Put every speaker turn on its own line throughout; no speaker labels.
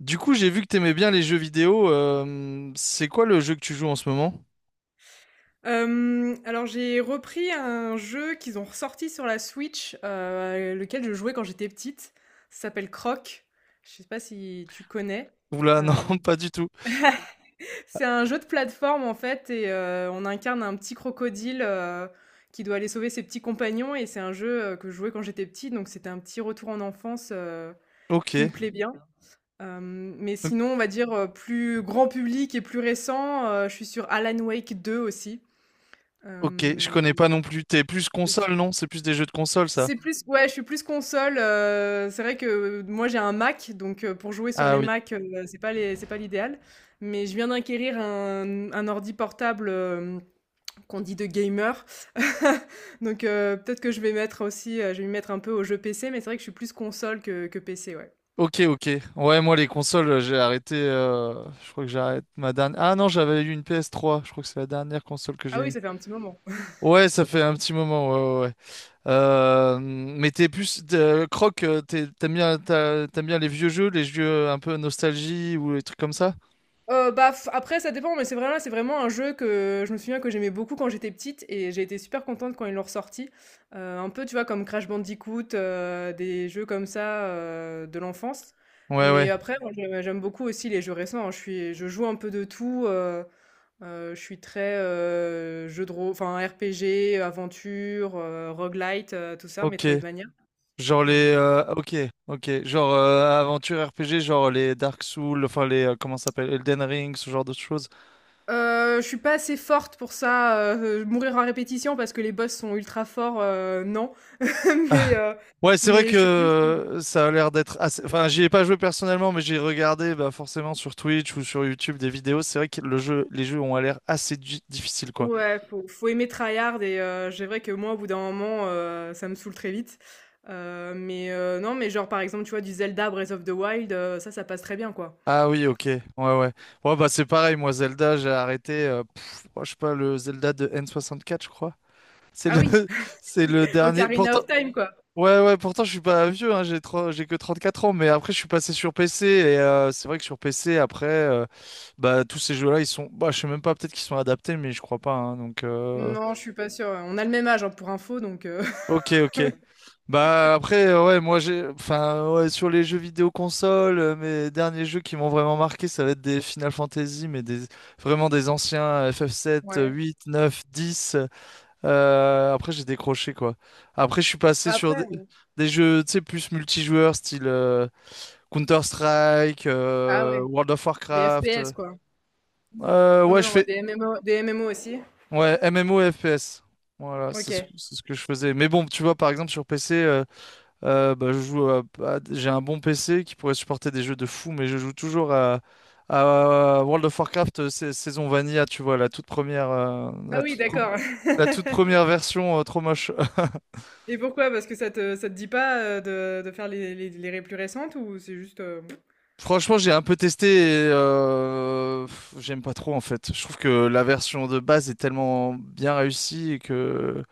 Du coup, j'ai vu que t'aimais bien les jeux vidéo. C'est quoi le jeu que tu joues en ce moment?
Alors j'ai repris un jeu qu'ils ont ressorti sur la Switch, lequel je jouais quand j'étais petite. Ça s'appelle Croc. Je sais pas si tu connais?
Oula, non,
Hem,
pas du tout.
c'est un jeu de plateforme en fait et on incarne un petit crocodile, qui doit aller sauver ses petits compagnons et c'est un jeu, que je jouais quand j'étais petite, donc c'était un petit retour en enfance,
Ok,
qui me plaît bien. D'accord. Mais sinon, on va dire, plus grand public et plus récent, je suis sur Alan Wake 2 aussi.
ok, je
Hem
connais pas non plus. T'es plus console, non? C'est plus des jeux de console, ça?
C'est plus ouais, je suis plus console, c'est vrai que moi j'ai un Mac, donc pour jouer sur
Ah
les
oui.
Mac c'est pas l'idéal. Mais je viens d'acquérir un ordi portable, qu'on dit de gamer. Donc peut-être que je vais mettre aussi, je vais m'y mettre un peu aux jeux PC, mais c'est vrai que je suis plus console que PC, ouais.
Ok, ok. Ouais, moi, les consoles, j'ai arrêté. Je crois que j'arrête ma dernière. Ah non, j'avais eu une PS3. Je crois que c'est la dernière console que j'ai
Ah oui,
eue.
ça fait un petit moment.
Ouais, ça fait un petit moment. Ouais, ouais, ouais. Mais t'es plus. Croc, t'aimes bien, t'aimes bien les vieux jeux, les jeux un peu nostalgie ou les trucs comme ça?
Bah, f après ça dépend, mais c'est vraiment un jeu que je me souviens que j'aimais beaucoup quand j'étais petite et j'ai été super contente quand ils l'ont ressorti. Un peu, tu vois, comme Crash Bandicoot, des jeux comme ça, de l'enfance.
Ouais,
Mais
ouais.
après, moi, je j'aime beaucoup aussi les jeux récents, hein. Je joue un peu de tout, je suis très, jeu de rô enfin RPG, aventure, roguelite, tout ça,
Ok.
Metroidvania. Heu
Ok, ok. Genre aventure RPG, genre les Dark Souls, comment ça s'appelle? Elden Ring, ce genre de choses.
je suis pas assez forte pour ça, mourir à répétition parce que les boss sont ultra forts, non. Mais, heu,
Ouais, c'est vrai
mais
que
je suis plus
ça a l'air d'être assez... Enfin, j'y ai pas joué personnellement, mais j'ai regardé bah, forcément sur Twitch ou sur YouTube des vidéos. C'est vrai que le jeu, les jeux ont l'air assez difficiles, quoi.
ouais, faut aimer tryhard et c'est vrai que moi, au bout d'un moment, ça me saoule très vite. Mais, non, mais genre, par exemple, tu vois, du Zelda Breath of the Wild, ça, ça passe très bien, quoi.
Ah oui, ok. Ouais, ouais. Ouais, bah c'est pareil, moi, Zelda, j'ai arrêté, pff, oh, je sais pas, le Zelda de N64, je crois. C'est
Ah
le,
oui,
c'est le dernier.
Ocarina
Pourtant,
of Time, quoi.
ouais, ouais, pourtant je suis pas vieux, hein, j'ai que 34 ans, mais après je suis passé sur PC et c'est vrai que sur PC, après, bah, tous ces jeux-là, ils sont, bah, je sais même pas, peut-être qu'ils sont adaptés, mais je crois pas, hein, donc,
Non, je suis pas sûre, ouais. On a le même âge, hein, pour info, donc,
ok, ok. Bah, après, ouais, enfin, ouais, sur les jeux vidéo console, mes derniers jeux qui m'ont vraiment marqué, ça va être des Final Fantasy, vraiment des anciens FF7
ouais.
8, 9, 10. Après, j'ai décroché, quoi. Après, je suis passé
Bah,
sur
après
des jeux, tu sais, plus multijoueurs, style. Counter-Strike,
ah ouais,
World of
des
Warcraft.
FPS, quoi. Oh
Ouais,
mais
je
non, ouais,
fais.
des MMO aussi?
Ouais, MMO et FPS. Voilà,
OK.
c'est ce que je faisais. Mais bon, tu vois, par exemple, sur PC, bah, je joue à- j'ai un bon PC qui pourrait supporter des jeux de fou, mais je joue toujours à World of Warcraft saison Vanilla, tu vois, la toute première,
Ah oui, d'accord.
la toute première version, trop moche.
Et pourquoi? Parce que ça te dit pas, de faire les ré plus récentes ou c'est juste,
Franchement, j'ai un peu testé et pff, j'aime pas trop en fait. Je trouve que la version de base est tellement bien réussie et que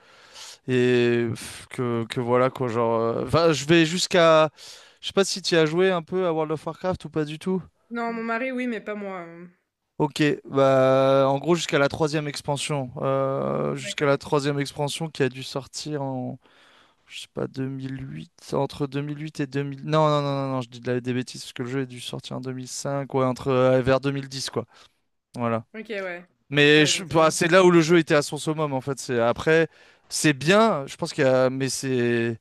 et pff, que voilà quoi, genre enfin, je vais jusqu'à je sais pas si tu as joué un peu à World of Warcraft ou pas du tout.
non, mon mari, oui, mais pas moi.
OK, bah en gros jusqu'à la troisième expansion, jusqu'à la
D'accord.
troisième expansion qui a dû sortir en je sais pas 2008. Entre 2008 et 2000. Non non non non, non je dis des bêtises parce que le jeu a dû sortir en 2005, ouais entre vers 2010, quoi. Voilà.
OK, ouais. Ouais, donc ça fait
Bah,
un petit
c'est là
moment,
où le
en
jeu
effet.
était à son summum, en fait. C'est après, c'est bien, je pense qu'il y a, mais c'est,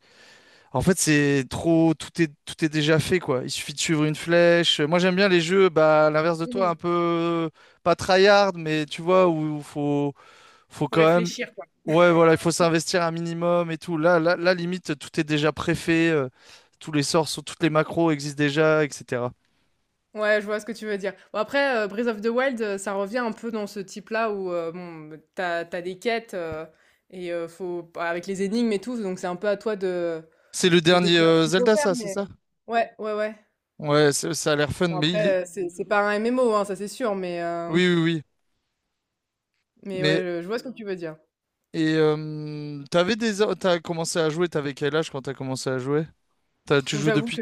en fait, c'est trop, tout est, Tout est déjà fait, quoi. Il suffit de suivre une flèche. Moi, j'aime bien les jeux, bah, à l'inverse de toi, un
Mmh.
peu, pas tryhard, mais tu vois, où, il faut, faut
Faut
quand même,
réfléchir, quoi.
ouais, voilà, il faut s'investir un minimum et tout. Là, limite, tout est déjà préfait, tous les sorts, toutes les macros existent déjà, etc.
Ouais, je vois ce que tu veux dire. Bon après, Breath of the Wild, ça revient un peu dans ce type-là où, bon, bah, t'as des quêtes, et faut bah, avec les énigmes et tout, donc c'est un peu à toi de
C'est le
ouais,
dernier,
découvrir ce qu'il faut
Zelda,
faire,
ça, c'est
mais
ça?
ouais, ouais, ouais.
Ouais, ça a l'air fun,
Bon
mais il est,
après, c'est pas un MMO, hein, ça c'est sûr, mais heu,
oui, oui, oui.
mais ouais,
Mais
je vois ce que tu veux dire.
T'as commencé à jouer, t'avais quel âge quand t'as commencé à jouer? Tu
Bon,
joues
j'avoue
depuis
que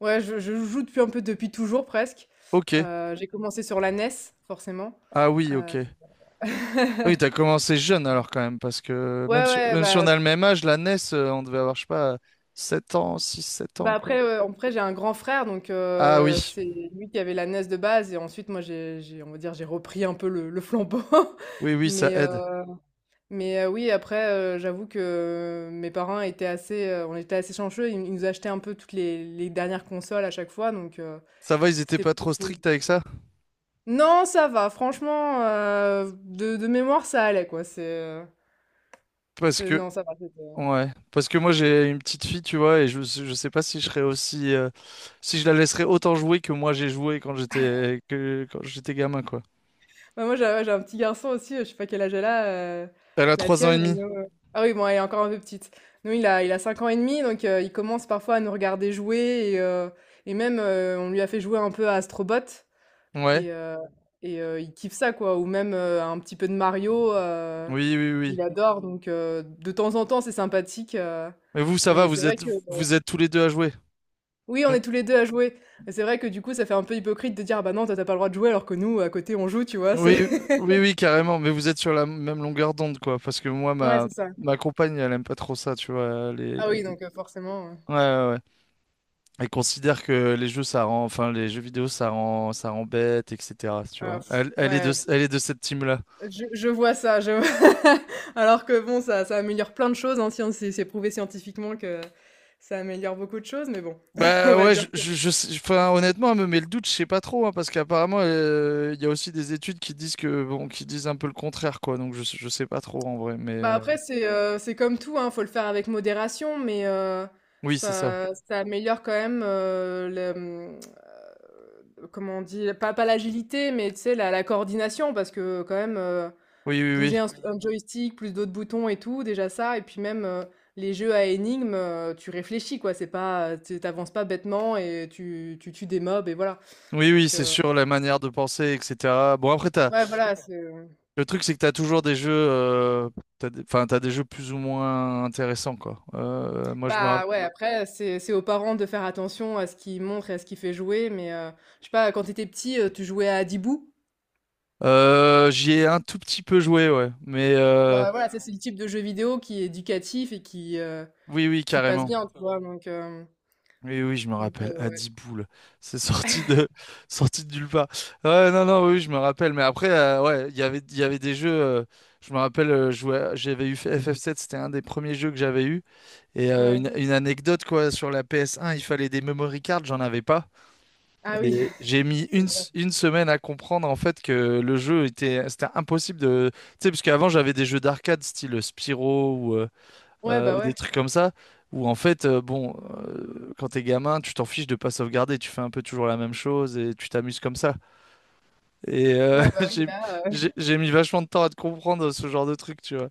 ouais, je joue depuis un peu depuis toujours presque.
Ok.
J'ai commencé sur la NES forcément,
Ah oui, ok.
heu
Oui, t'as commencé jeune alors quand même, parce que
ouais, ouais,
même si on a le même âge, la NES, on devait avoir, je sais pas, 7 ans, 6 7 ans, quoi.
après j'ai un grand frère donc
Ah oui,
c'est lui qui avait la NES de base et ensuite moi j'ai on va dire j'ai repris un peu le flambeau.
oui, oui, ça
mais heu,
aide.
mais oui après, j'avoue que mes parents étaient assez, on était assez chanceux, ils nous achetaient un peu toutes les dernières consoles à chaque fois donc
Ça va, ils étaient
c'était
pas
plutôt
trop
cool.
stricts avec ça?
Non, ça va, franchement, de mémoire, ça allait quoi,
Parce
c'est
que,
non, ça va, c'était.
ouais, parce que moi j'ai une petite fille, tu vois, et je sais pas si je serais aussi, si je la laisserais autant jouer que moi j'ai joué quand quand j'étais gamin, quoi.
Bah, moi, j'ai ouais, j'ai un petit garçon aussi, je sais pas quel âge elle a,
Elle a
la
trois ans et
tienne, elle
demi.
a ah oui, bon, elle est encore un peu petite. Nous, il a 5 ans et demi, donc il commence parfois à nous regarder jouer et même, on lui a fait jouer un peu à Astrobot
Ouais.
et heu il kiffe ça quoi ou même, un petit peu de Mario,
Oui, oui, oui.
il adore donc de temps en temps, c'est sympathique,
Mais vous, ça va,
mais c'est vrai que
vous êtes tous les deux à jouer.
Oui, on est tous les 2 à jouer. Et c'est vrai que du coup, ça fait un peu hypocrite de dire: «Ah bah non, toi, t'as pas le droit de jouer», alors que nous, à côté, on joue, tu vois?
Oui,
C'est
oui, oui, carrément. Mais vous êtes sur la même longueur d'onde, quoi. Parce que
ouais, c'est ça.
ma compagne, elle aime pas trop ça, tu vois.
Ah oui,
Les
donc forcément,
Ouais, ouais, ouais. Elle considère que les jeux, ça rend, enfin, les jeux vidéo, ça rend bête, etc. Tu
alors
vois.
pff, ouais,
Elle est de cette team-là.
je vois ça, je alors que bon, ça améliore plein de choses, hein, scien c'est prouvé scientifiquement que ça améliore beaucoup de choses, mais bon, on
Bah
va
ouais,
dire que
enfin, honnêtement, elle me met le doute, je sais pas trop, hein, parce qu'apparemment, il y a aussi des études qui disent que, bon, qui disent un peu le contraire, quoi, donc je sais pas trop en vrai, mais
bah, après, c'est comme tout, hein, faut le faire avec modération, mais
oui, c'est ça.
ça améliore quand même, le, mmh comment on dit? Pas l'agilité, mais tu sais, la coordination parce que quand même,
Oui, oui, oui.
bouger un Oui. un joystick, plus d'autres boutons et tout, déjà ça et puis même, les jeux à énigmes, tu réfléchis quoi, c'est pas, tu tu pas bêtement et tu tues des mobs et voilà.
Oui, oui,
Donc,
c'est sûr, la manière de penser, etc. Bon, après,
ouais, voilà, c'est,
le truc, c'est que t'as toujours des jeux, enfin, t'as des jeux plus ou moins intéressants, quoi. Moi, je me rappelle.
bah, ouais, après c'est aux parents de faire attention à ce qu'ils montrent et à ce qu'ils fait jouer mais, je sais pas, quand t'étais petit, tu jouais à dibou.
J'y ai un tout petit peu joué, ouais, mais
Bah, voilà, ça c'est le type de jeu vidéo qui est éducatif et qui, heu,
oui, oui,
qui passe
carrément.
bien, tu vois? Donc, hem
Oui, oui, je me
Donc,
rappelle,
ouais.
Adiboules, c'est sorti de, sorti de nulle part. Ouais, non, non, oui, je me rappelle, mais après, ouais, il y avait des jeux, je me rappelle, j'avais eu FF7, c'était un des premiers jeux que j'avais eu, et
Ouais.
une anecdote, quoi, sur la PS1, il fallait des memory cards, j'en avais pas,
Ah oui,
et j'ai mis
c'est vrai.
une semaine à comprendre, en fait, que c'était impossible de, tu sais, parce qu'avant, j'avais des jeux d'arcade, style Spyro,
Ouais, bah
ou des
ouais.
trucs comme ça, où en fait, bon, quand t'es gamin, tu t'en fiches de pas sauvegarder, tu fais un peu toujours la même chose et tu t'amuses comme ça. Et
Ouais, bah oui, là.
j'ai mis vachement de temps à te comprendre ce genre de truc, tu vois.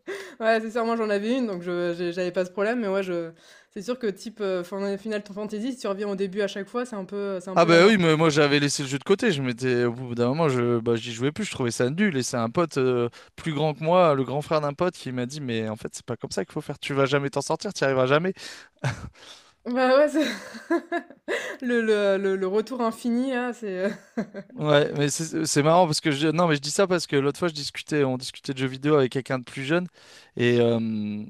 Ouais, c'est sûr, moi j'en avais une, donc j'avais pas ce problème, mais ouais, je... C'est sûr que type Final Fantasy, si tu reviens au début à chaque fois, c'est un
Ah
peu la
bah oui,
mort, quoi.
mais moi j'avais laissé le jeu de côté, au bout d'un moment, bah, j'y jouais plus, je trouvais ça nul, et c'est un pote plus grand que moi, le grand frère d'un pote, qui m'a dit, mais en fait, c'est pas comme ça qu'il faut faire, tu vas jamais t'en sortir, t'y arriveras jamais.
Bah ouais, le retour infini, là, c'est.
Ouais, mais c'est marrant parce que non, mais je dis ça parce que l'autre fois on discutait de jeux vidéo avec quelqu'un de plus jeune et, euh,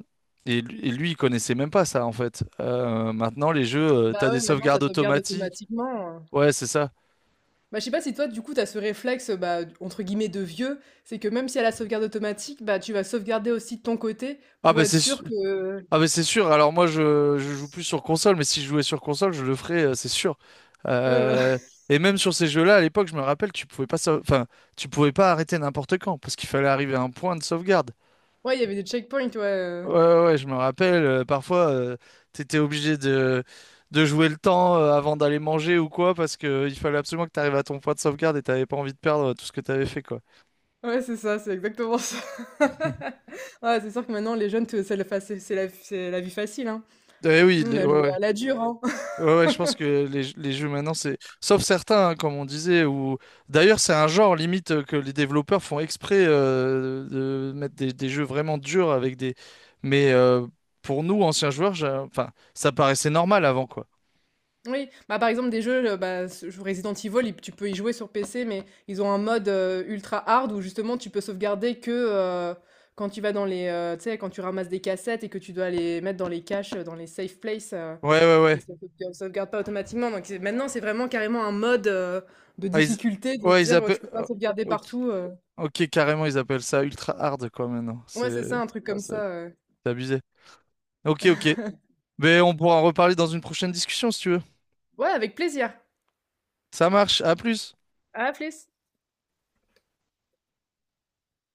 et, lui, et lui, il connaissait même pas ça en fait. Maintenant les jeux, t'as
Bah
des
ouais, maintenant ça
sauvegardes
sauvegarde
automatiques.
automatiquement.
Ouais, c'est ça.
Bah je sais pas si toi du coup t'as ce réflexe bah entre guillemets de vieux, c'est que même si elle a la sauvegarde automatique, bah tu vas sauvegarder aussi de ton côté
Ah
pour
ben
être
c'est su-
sûr que
ah ben c'est sûr. Alors je joue plus sur console, mais si je jouais sur console, je le ferais, c'est sûr.
ouais voilà.
Euh, et même sur ces jeux-là, à l'époque, je me rappelle, tu pouvais pas, sau- enfin, tu pouvais pas arrêter n'importe quand parce qu'il fallait arriver à un point de sauvegarde.
Ouais, il y avait des checkpoints, ouais,
Ouais, ouais, ouais, je me rappelle, parfois, t'étais obligé de, de jouer le temps avant d'aller manger ou quoi, parce que il fallait absolument que t'arrives à ton point de sauvegarde et t'avais pas envie de perdre tout ce que t'avais fait, quoi.
ouais, c'est ça, c'est exactement ça. Ouais, c'est sûr que maintenant les jeunes te c'est la fa c'est la vie facile, hein.
Eh oui,
Nous, on
les-
a
ouais,
joué
ouais.
à la dure, hein.
Ouais, ouais, je pense que les jeux maintenant, c'est... Sauf certains, hein, comme on disait, ou... D'ailleurs, c'est un genre, limite, que les développeurs font exprès de mettre des jeux vraiment durs avec des... Mais pour nous, anciens joueurs, enfin, ça paraissait normal avant, quoi.
Oui, bah, par exemple des jeux, bah, ce je Resident Evil, il tu peux y jouer sur PC, mais ils ont un mode, ultra hard où justement tu peux sauvegarder que, heu, quand tu vas dans tu sais, quand tu ramasses des cassettes et que tu dois les mettre dans les caches, dans les safe places.
Ouais, ouais, ouais.
Et ça sauvegarde pas automatiquement, donc c'est maintenant, c'est vraiment carrément un mode, de
Ah, ils...
difficulté de se
Ouais, ils
dire,
appellent...
tu peux pas sauvegarder partout,
Ok, carrément, ils appellent ça ultra hard, quoi, maintenant.
ouais, c'est ça, un truc
Ouais,
comme
c'est-
ça,
c'est abusé. Ok, ok. Mais on pourra en reparler dans une prochaine discussion, si tu veux.
Ouais, avec plaisir.
Ça marche, à plus.
À la plus.